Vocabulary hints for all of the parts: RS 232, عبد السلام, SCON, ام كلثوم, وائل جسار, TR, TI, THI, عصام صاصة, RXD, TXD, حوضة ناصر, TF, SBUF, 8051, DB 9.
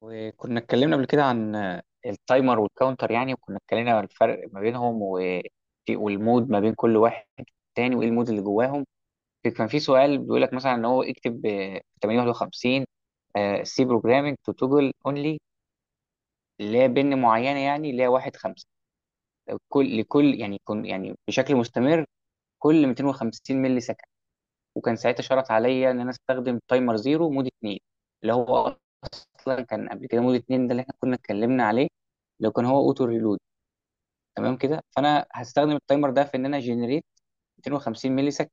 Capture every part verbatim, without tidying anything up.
وكنا اتكلمنا قبل كده عن التايمر والكاونتر يعني وكنا اتكلمنا عن الفرق ما بينهم و- والمود ما بين كل واحد تاني وايه المود اللي جواهم. كان في سؤال بيقول لك مثلا ان هو اكتب آه، تمانية واحد خمسة سي بروجرامينج تو توجل اونلي لا بن معينه يعني لا واحد خمسة كل لكل يعني كن يعني بشكل مستمر كل مئتين وخمسين ملي. وكان ساعتها شرط عليا ان انا استخدم تايمر زيرو مود اتنين، اللي هو اصلا كان قبل كده مود اتنين، ده اللي احنا كنا اتكلمنا عليه لو كان هو اوتو ريلود. تمام كده، فانا هستخدم التايمر ده في ان انا جنريت مئتين وخمسين ملي سكند.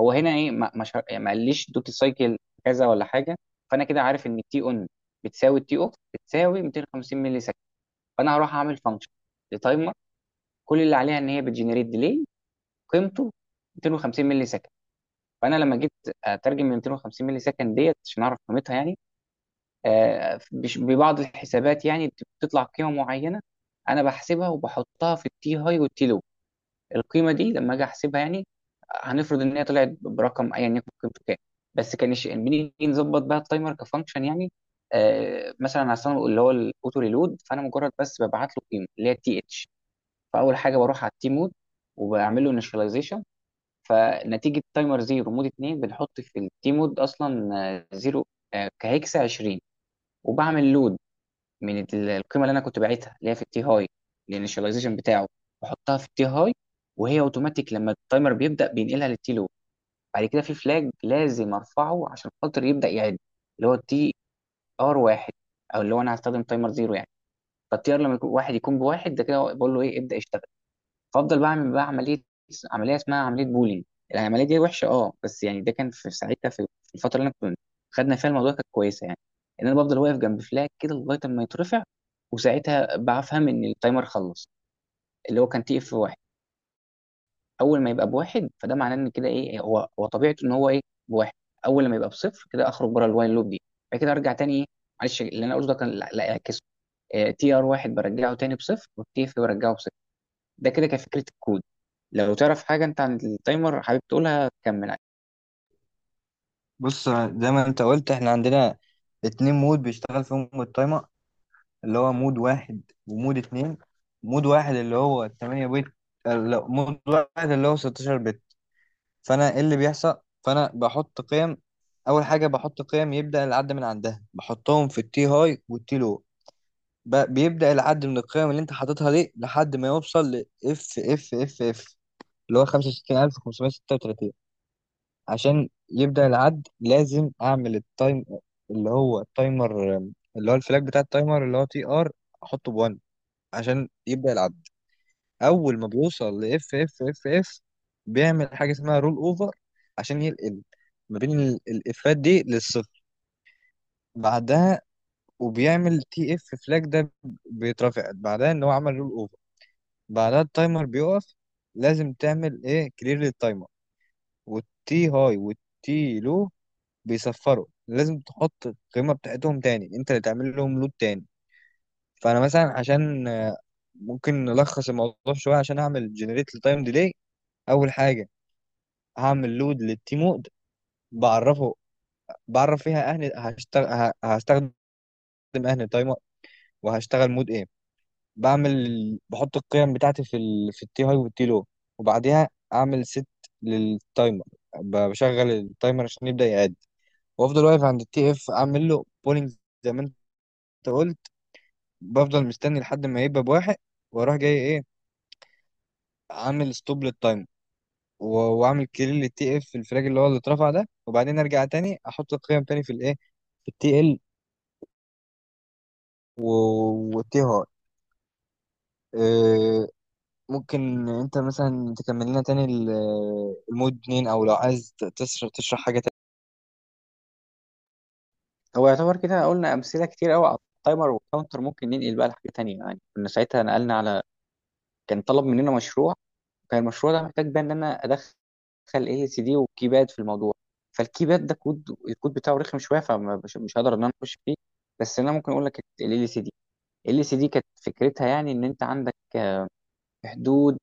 هو هنا ايه، ما ما, شر... يعني ما قاليش دوتي سايكل كذا ولا حاجه. فانا كده عارف ان التي اون بتساوي التي اوف بتساوي مئتين وخمسين ملي سكند. فانا هروح اعمل فانكشن لتايمر كل اللي عليها ان هي بتجنريت ديلي قيمته مئتين وخمسين ملي سكند. فانا لما جيت اترجم من مئتين وخمسين مللي سكند ديت عشان اعرف قيمتها يعني، آه، بش- ببعض الحسابات يعني بتطلع قيمه معينه. انا بحسبها وبحطها في التي هاي والتي لو. القيمه دي لما اجي احسبها يعني هنفرض ان هي طلعت برقم ايا يكن قيمته كام. بس كان الش- بنيجي نظبط بقى التايمر كفانكشن يعني. آه، مثلا على الصنع اللي هو الاوتو ريلود، فانا مجرد بس ببعت له قيمه اللي هي تي اتش. فاول حاجه بروح على التي مود وبعمل له، فنتيجه تايمر زيرو مود اتنين بنحط في التي مود اصلا آه، زيرو، آه، كهيكسة عشرين. وبعمل لود من ال- القيمه اللي انا كنت باعتها اللي هي في التي هاي. الانيشاليزيشن بتاعه بحطها في التي هاي، وهي اوتوماتيك لما التايمر بيبدا بينقلها للتي لو. بعد كده في فلاج لازم ارفعه عشان خاطر يبدا يعد، اللي هو التي ار واحد، او اللي هو انا هستخدم تايمر زيرو يعني. فالتي ار لما يكون واحد يكون بواحد، ده كده بقول له ايه ابدا اشتغل. فافضل بعمل بقى عمليه عمليه اسمها عمليه بولينج. العمليه دي وحشه اه، بس يعني ده كان في ساعتها في في الفتره اللي انا كنت خدنا فيها الموضوع كانت كويسه يعني. ان انا بفضل واقف جنب فلاج كده لغايه اما يترفع وساعتها بفهم ان التايمر خلص، اللي هو كان تي اف واحد. اول ما يبقى بواحد فده معناه ان كده ايه، هو هو طبيعته ان هو ايه بواحد. اول لما يبقى بصفر كده اخرج بره الوايل لوب دي. بعد كده ارجع تاني ايه، معلش اللي انا قلته ده كان لا لا، اعكسه، تي ار واحد برجعه تاني بصفر والتي اف برجعه بصفر. ده كده كفكرة الكود. لو تعرف حاجة انت عن التايمر حابب تقولها تكمل عليه. بص زي ما انت قلت احنا عندنا اتنين مود بيشتغل فيهم التايمر، اللي هو مود واحد ومود اتنين. مود واحد اللي هو ثمانية بت. اه لا، مود واحد اللي هو ستاشر بت. فانا ايه اللي بيحصل؟ فانا بحط قيم. اول حاجة بحط قيم يبدأ العد من عندها، بحطهم في التي هاي والتي لو. ب- بيبدأ العد من القيم اللي انت حاططها دي لحد ما يوصل ل اف اف اف اف، اللي هو خمسة وستين الف وخمسمية ستة وتلاتين. عشان يبدأ العد لازم اعمل التايم، اللي هو التايمر، اللي هو الفلاج بتاع التايمر اللي هو تي ار، احطه ب1 عشان يبدأ العد. اول ما بيوصل ل اف اف اف اف، بيعمل حاجة اسمها رول اوفر، عشان ينقل ما بين ال- الافات دي للصفر. بعدها وبيعمل تي اف، فلاج ده بيترفع بعدها ان هو عمل رول اوفر. بعدها التايمر بيقف. لازم تعمل ايه، كلير للتايمر، والتي هاي والتي لو بيصفروا. لازم تحط القيمة بتاعتهم تاني، انت اللي تعمل لهم لود تاني. فانا مثلا عشان آه، ممكن نلخص الموضوع شوية عشان اعمل جنريت لتايم ديلي. اول حاجة هعمل لود للتيم مود، بعرفه، بعرف فيها اهني هشتغل، هستخدم اهني تايمر، وهشتغل مود ايه. بعمل، بحط القيم بتاعتي في ال... في التي هاي والتي لو. وبعديها اعمل ست للتايمر، ب- بشغل التايمر عشان يبدأ يعد. وافضل واقف عند التي اف، اعمل له بولينج، زي ما انت قلت، بفضل مستني لحد ما يبقى بواحد، واروح جاي ايه، عامل ستوب للتايم، و- واعمل كليل للتي اف في الفراج اللي هو اللي اترفع ده، وبعدين ارجع تاني احط القيم تاني في الايه، في التي ال والتي هاي. إيه، ممكن انت مثلا تكمل لنا تاني ال- المود اتنين، او لو عايز ت- تشرح تشرح حاجه تانية. هو يعتبر كده قلنا أمثلة كتير قوي على التايمر والكاونتر، ممكن ننقل بقى لحاجة تانية يعني. كنا ساعتها نقلنا على، كان طلب مننا مشروع، كان المشروع ده محتاج بقى ان انا ادخل اي سي دي وكيباد في الموضوع. فالكيباد ده كود الكود بتاعه رخم شوية، فمش مش هقدر ان انا اخش فيه. بس انا ممكن اقول لك ال ال سي دي. ال سي دي كانت فكرتها يعني ان انت عندك آه، في حدود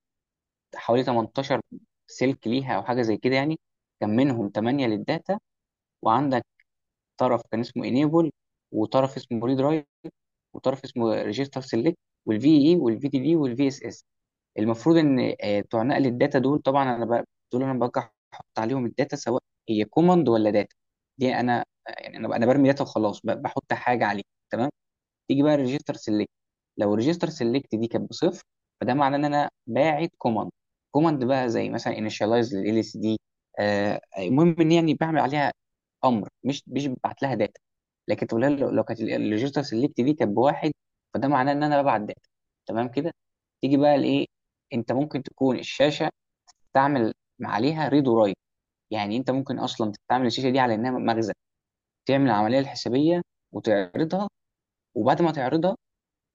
حوالي تمنتاشر سلك ليها او حاجة زي كده يعني. كان منهم ثمانية للداتا، وعندك طرف كان اسمه انيبل، وطرف اسمه ريدرايت، وطرف اسمه ريجستر سيلكت، والفي اي والفي دي بي والفي اس اس. المفروض ان آه، بتوع نقل الداتا دول، طبعا انا ب- دول انا برجع احط عليهم الداتا سواء هي كوماند ولا داتا. دي انا آه، يعني انا انا برمي داتا وخلاص، ب- بحط حاجه عليه. تمام. تيجي بقى ريجستر سيلكت، لو ريجستر سيلكت دي كانت بصفر فده معناه ان انا باعت كوماند. كوماند بقى زي مثلا انيشاليز لل اس دي. المهم ان يعني بعمل عليها امر، مش مش ببعت لها داتا. لكن تقول لها، لو لو كانت الريجستر سيلكت دي كانت بواحد فده معناه ان انا ببعت داتا. تمام كده. تيجي بقى لايه، انت ممكن تكون الشاشه تعمل عليها ريد ورايت. يعني انت ممكن اصلا تعمل الشاشه دي على انها مخزن، تعمل العمليه الحسابيه وتعرضها، وبعد ما تعرضها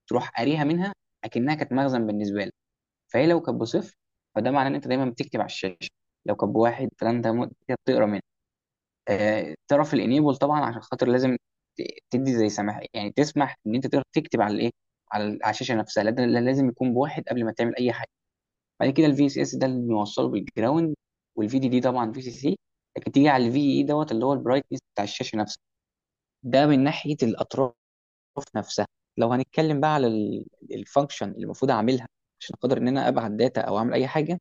تروح قاريها منها، اكنها كانت مخزن بالنسبه لك. فهي لو كانت بصفر فده معناه ان انت دايما بتكتب على الشاشه. لو كانت بواحد فانت م- بتقرا منها. آه، تعرف الانيبل طبعا عشان خاطر لازم ت- تدي زي سماح يعني تسمح ان انت تقدر تكتب على الايه، على ال- على الشاشه نفسها، لا- لا- لازم يكون بواحد قبل ما تعمل اي حاجه. بعد كده الفي اس اس ده اللي بنوصله بالجراوند، والفي دي دي طبعا في سي سي. لكن تيجي على الفي اي دوت اللي هو البرايتنس بتاع الشاشه نفسها. ده من ناحيه الاطراف في نفسها. لو هنتكلم بقى على الفانكشن اللي المفروض اعملها عشان اقدر ان انا ابعت داتا او اعمل اي حاجه،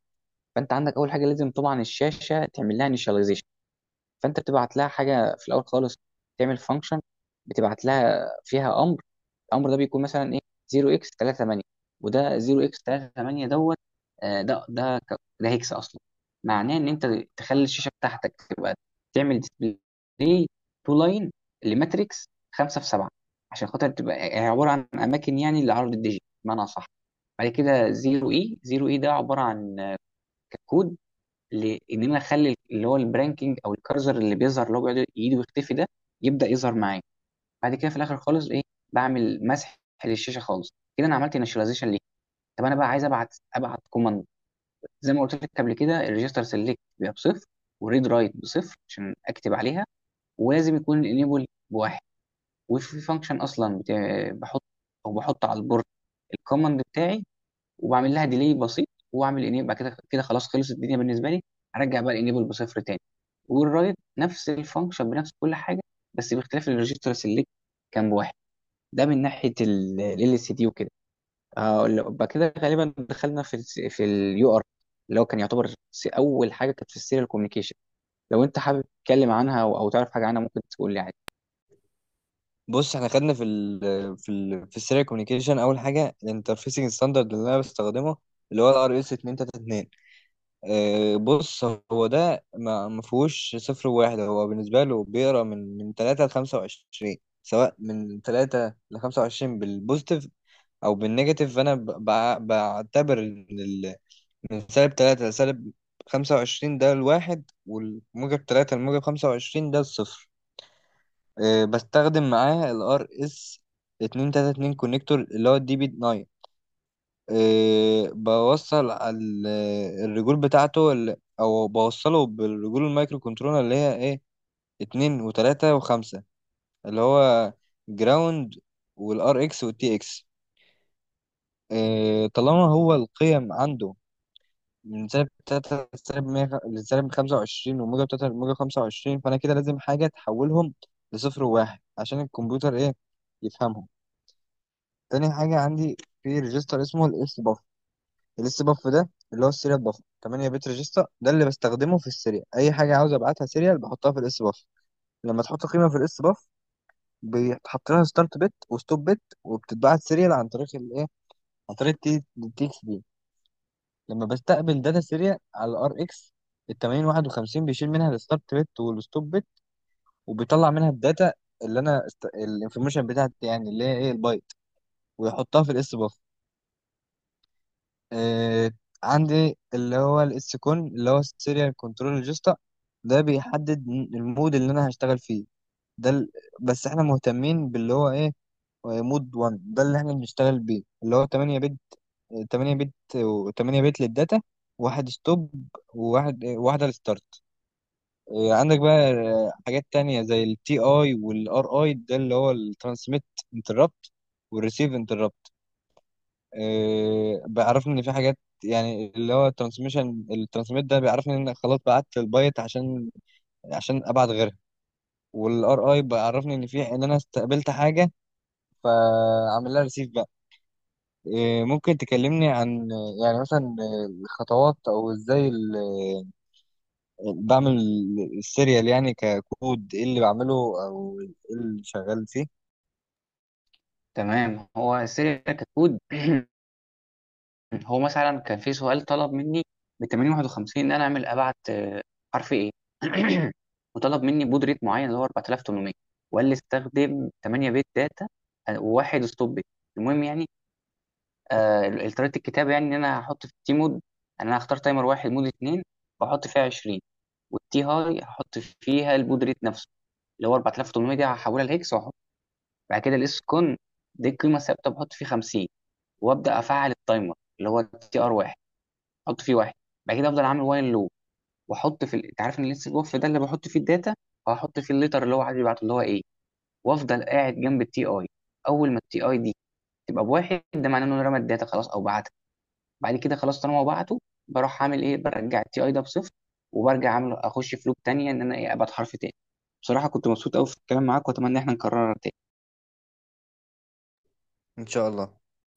فانت عندك اول حاجه لازم طبعا الشاشه تعمل لها initialization. فانت بتبعت لها حاجه في الاول خالص، تعمل فانكشن بتبعت لها فيها امر. الامر ده بيكون مثلا ايه صفر x تلاتة ثمانية. وده صفر x ثلاثة ثمانية دوت، آه، ده ده ك- ده هيكس اصلا، معناه ان انت تخلي الشاشه بتاعتك تبقى تعمل ديسبلاي تو لاين لماتريكس خمسة في سبعة، عشان خاطر تبقى هي عباره عن اماكن يعني لعرض الديجيت بمعنى صح. بعد كده صفر اي، صفر اي ده عباره عن كود لان انا اخلي اللي هو البرانكينج او الكارزر اللي بيظهر اللي هو بيقعد يجي ويختفي ده يبدا يظهر معايا. بعد كده في الاخر خالص ايه، بعمل مسح للشاشه خالص. كده انا عملت انيشاليزيشن ليه. طب انا بقى عايز ابعت ابعت كوماند. زي ما قلت لك قبل كده الريجستر سيلكت بيبقى بصفر، والريد رايت بصفر عشان اكتب عليها، ولازم يكون الانيبل بواحد. وفي فانكشن اصلا بت- بحط او بحط على البورد الكوماند بتاعي، وبعمل لها ديلي بسيط واعمل انيبل. بعد كده كده خلاص خلصت الدنيا بالنسبه لي، هرجع بقى الانيبل بصفر تاني. والرايت نفس الفانكشن بنفس كل حاجه، بس باختلاف الريجستر سيلكت كان بواحد. ده من ناحيه ال اس دي وكده. هقول لك- بعد كده غالبا دخلنا في ال في اليو ار، اللي هو كان يعتبر س- اول حاجه كانت في السيريال كوميونيكيشن. لو انت حابب تتكلم عنها او أو تعرف حاجه عنها ممكن تقول لي عادي. بص احنا خدنا في ال في ال في السيريال كوميونيكيشن. اول حاجه الانترفيسنج ستاندرد اللي انا بستخدمه اللي هو الار اس مئتين اتنين وتلاتين. آه، بص، هو ده ما ما فيهوش صفر وواحد. هو بالنسبة له بيقرا من من تلاتة ل خمسة وعشرين، سواء من تلاتة ل خمسة وعشرين بالبوزيتيف أو بالنيجاتيف. فأنا ب- بع- بعتبر إن ال- من سالب تلاتة لسالب خمسة وعشرين ده الواحد، والموجب تلاتة لموجب خمسة وعشرين ده الصفر. آه، بستخدم معاه ال ار اس اتنين تلاتة اتنين كونكتور اللي هو الدي بي تسعة. إيه، بوصل ال- الرجول بتاعته ال- او بوصله بالرجول المايكرو كنترولر اللي هي ايه، اتنين وتلاتة وخمسة، اللي هو جراوند والار اكس والتي اكس. إيه، طالما هو القيم عنده من سالب تلاتة لسالب مية خ- لسالب خمسة وعشرين، وموجب تلاتة لموجب خمسة وعشرين، فأنا كده لازم حاجة تحولهم لصفر وواحد عشان الكمبيوتر ايه، يفهمهم. تاني حاجة عندي، في ريجستر اسمه الاف الليست باف، ده اللي هو السيريال باف، تمنية بت ريجستا ده اللي بستخدمه في السيريال. اي حاجه عاوز ابعتها سيريال بحطها في الاس باف. لما تحط قيمه في الاس باف، بيتحط لها ستارت بت وستوب بت، وبتتبعت سيريال عن طريق الايه، عن طريق التي اكس دي. لما بستقبل داتا سيريال على الار اكس، ال ثمانية الاف وواحد وخمسين بيشيل منها الستارت بت والستوب بت، وبيطلع منها الداتا اللي انا است... الانفورميشن بتاعتي، يعني اللي هي ايه، البايت، ويحطها في الاس باف. آه، عندي اللي هو الاس كون، اللي هو السيريال كنترول ريجستا، ده بيحدد المود اللي انا هشتغل فيه. ده ال... بس احنا مهتمين باللي هو ايه، مود واحد ده اللي احنا بنشتغل بيه، اللي هو ثمانية بت، ثمانية بت و ثمانية بت للداتا، واحد ستوب وواحد إيه، واحدة للستارت. آه، عندك بقى آه، حاجات تانية زي التي اي والار اي، ده اللي هو الترانسميت انتربت والريسيف انتربت. آه، بيعرفني ان في حاجات، يعني اللي هو الترانسميشن الترانسميت ده بيعرفني ان خلاص بعت البايت، عشان عشان ابعت غيرها. والار اي بيعرفني ان في، ان انا استقبلت حاجه، فاعمل لها ريسيف بقى. آه، ممكن تكلمني عن، يعني مثلا، الخطوات او ازاي ال- بعمل السيريال، يعني ككود ايه اللي بعمله، او ايه اللي شغال فيه؟ تمام. هو السيريال ككود هو مثلا كان في سؤال طلب مني ب تمانية واحد خمسة ان انا اعمل ابعت آه، حرف ايه. وطلب مني بود ريت معين اللي هو اربعة آلاف وتمنمية، وقال لي استخدم ثمانية بت داتا، آه، وواحد ستوب بت. المهم يعني آه طريقه الكتابه يعني ان انا هحط في التي مود ان انا هختار تايمر واحد مود اتنين، واحط فيها عشرين. والتي هاي هحط فيها البود ريت نفسه اللي هو اربعة آلاف وتمنمية، دي هحولها لهكس واحط. بعد كده الاس كون دي القيمه الثابته بحط فيه خمسين. وابدا افعل التايمر اللي هو تي ار واحد. احط فيه واحد. بعد كده افضل اعمل وايل لو واحط في ال- انت عارف ان لسه الوف ده اللي بحط فيه الداتا، هحط فيه الليتر اللي هو عايز يبعته اللي هو ايه. وافضل قاعد جنب التي اي. اول ما التي اي دي تبقى بواحد ده معناه انه رمى الداتا خلاص او بعتها. بعد كده خلاص طالما هو بعته، بروح اعمل ايه برجع التي اي ده بصفر، وبرجع اعمل اخش في لوب تانية ان انا ايه ابعت حرف تاني. بصراحة كنت مبسوط قوي في الكلام معاك واتمنى ان احنا نكررها تاني. ان شاء الله.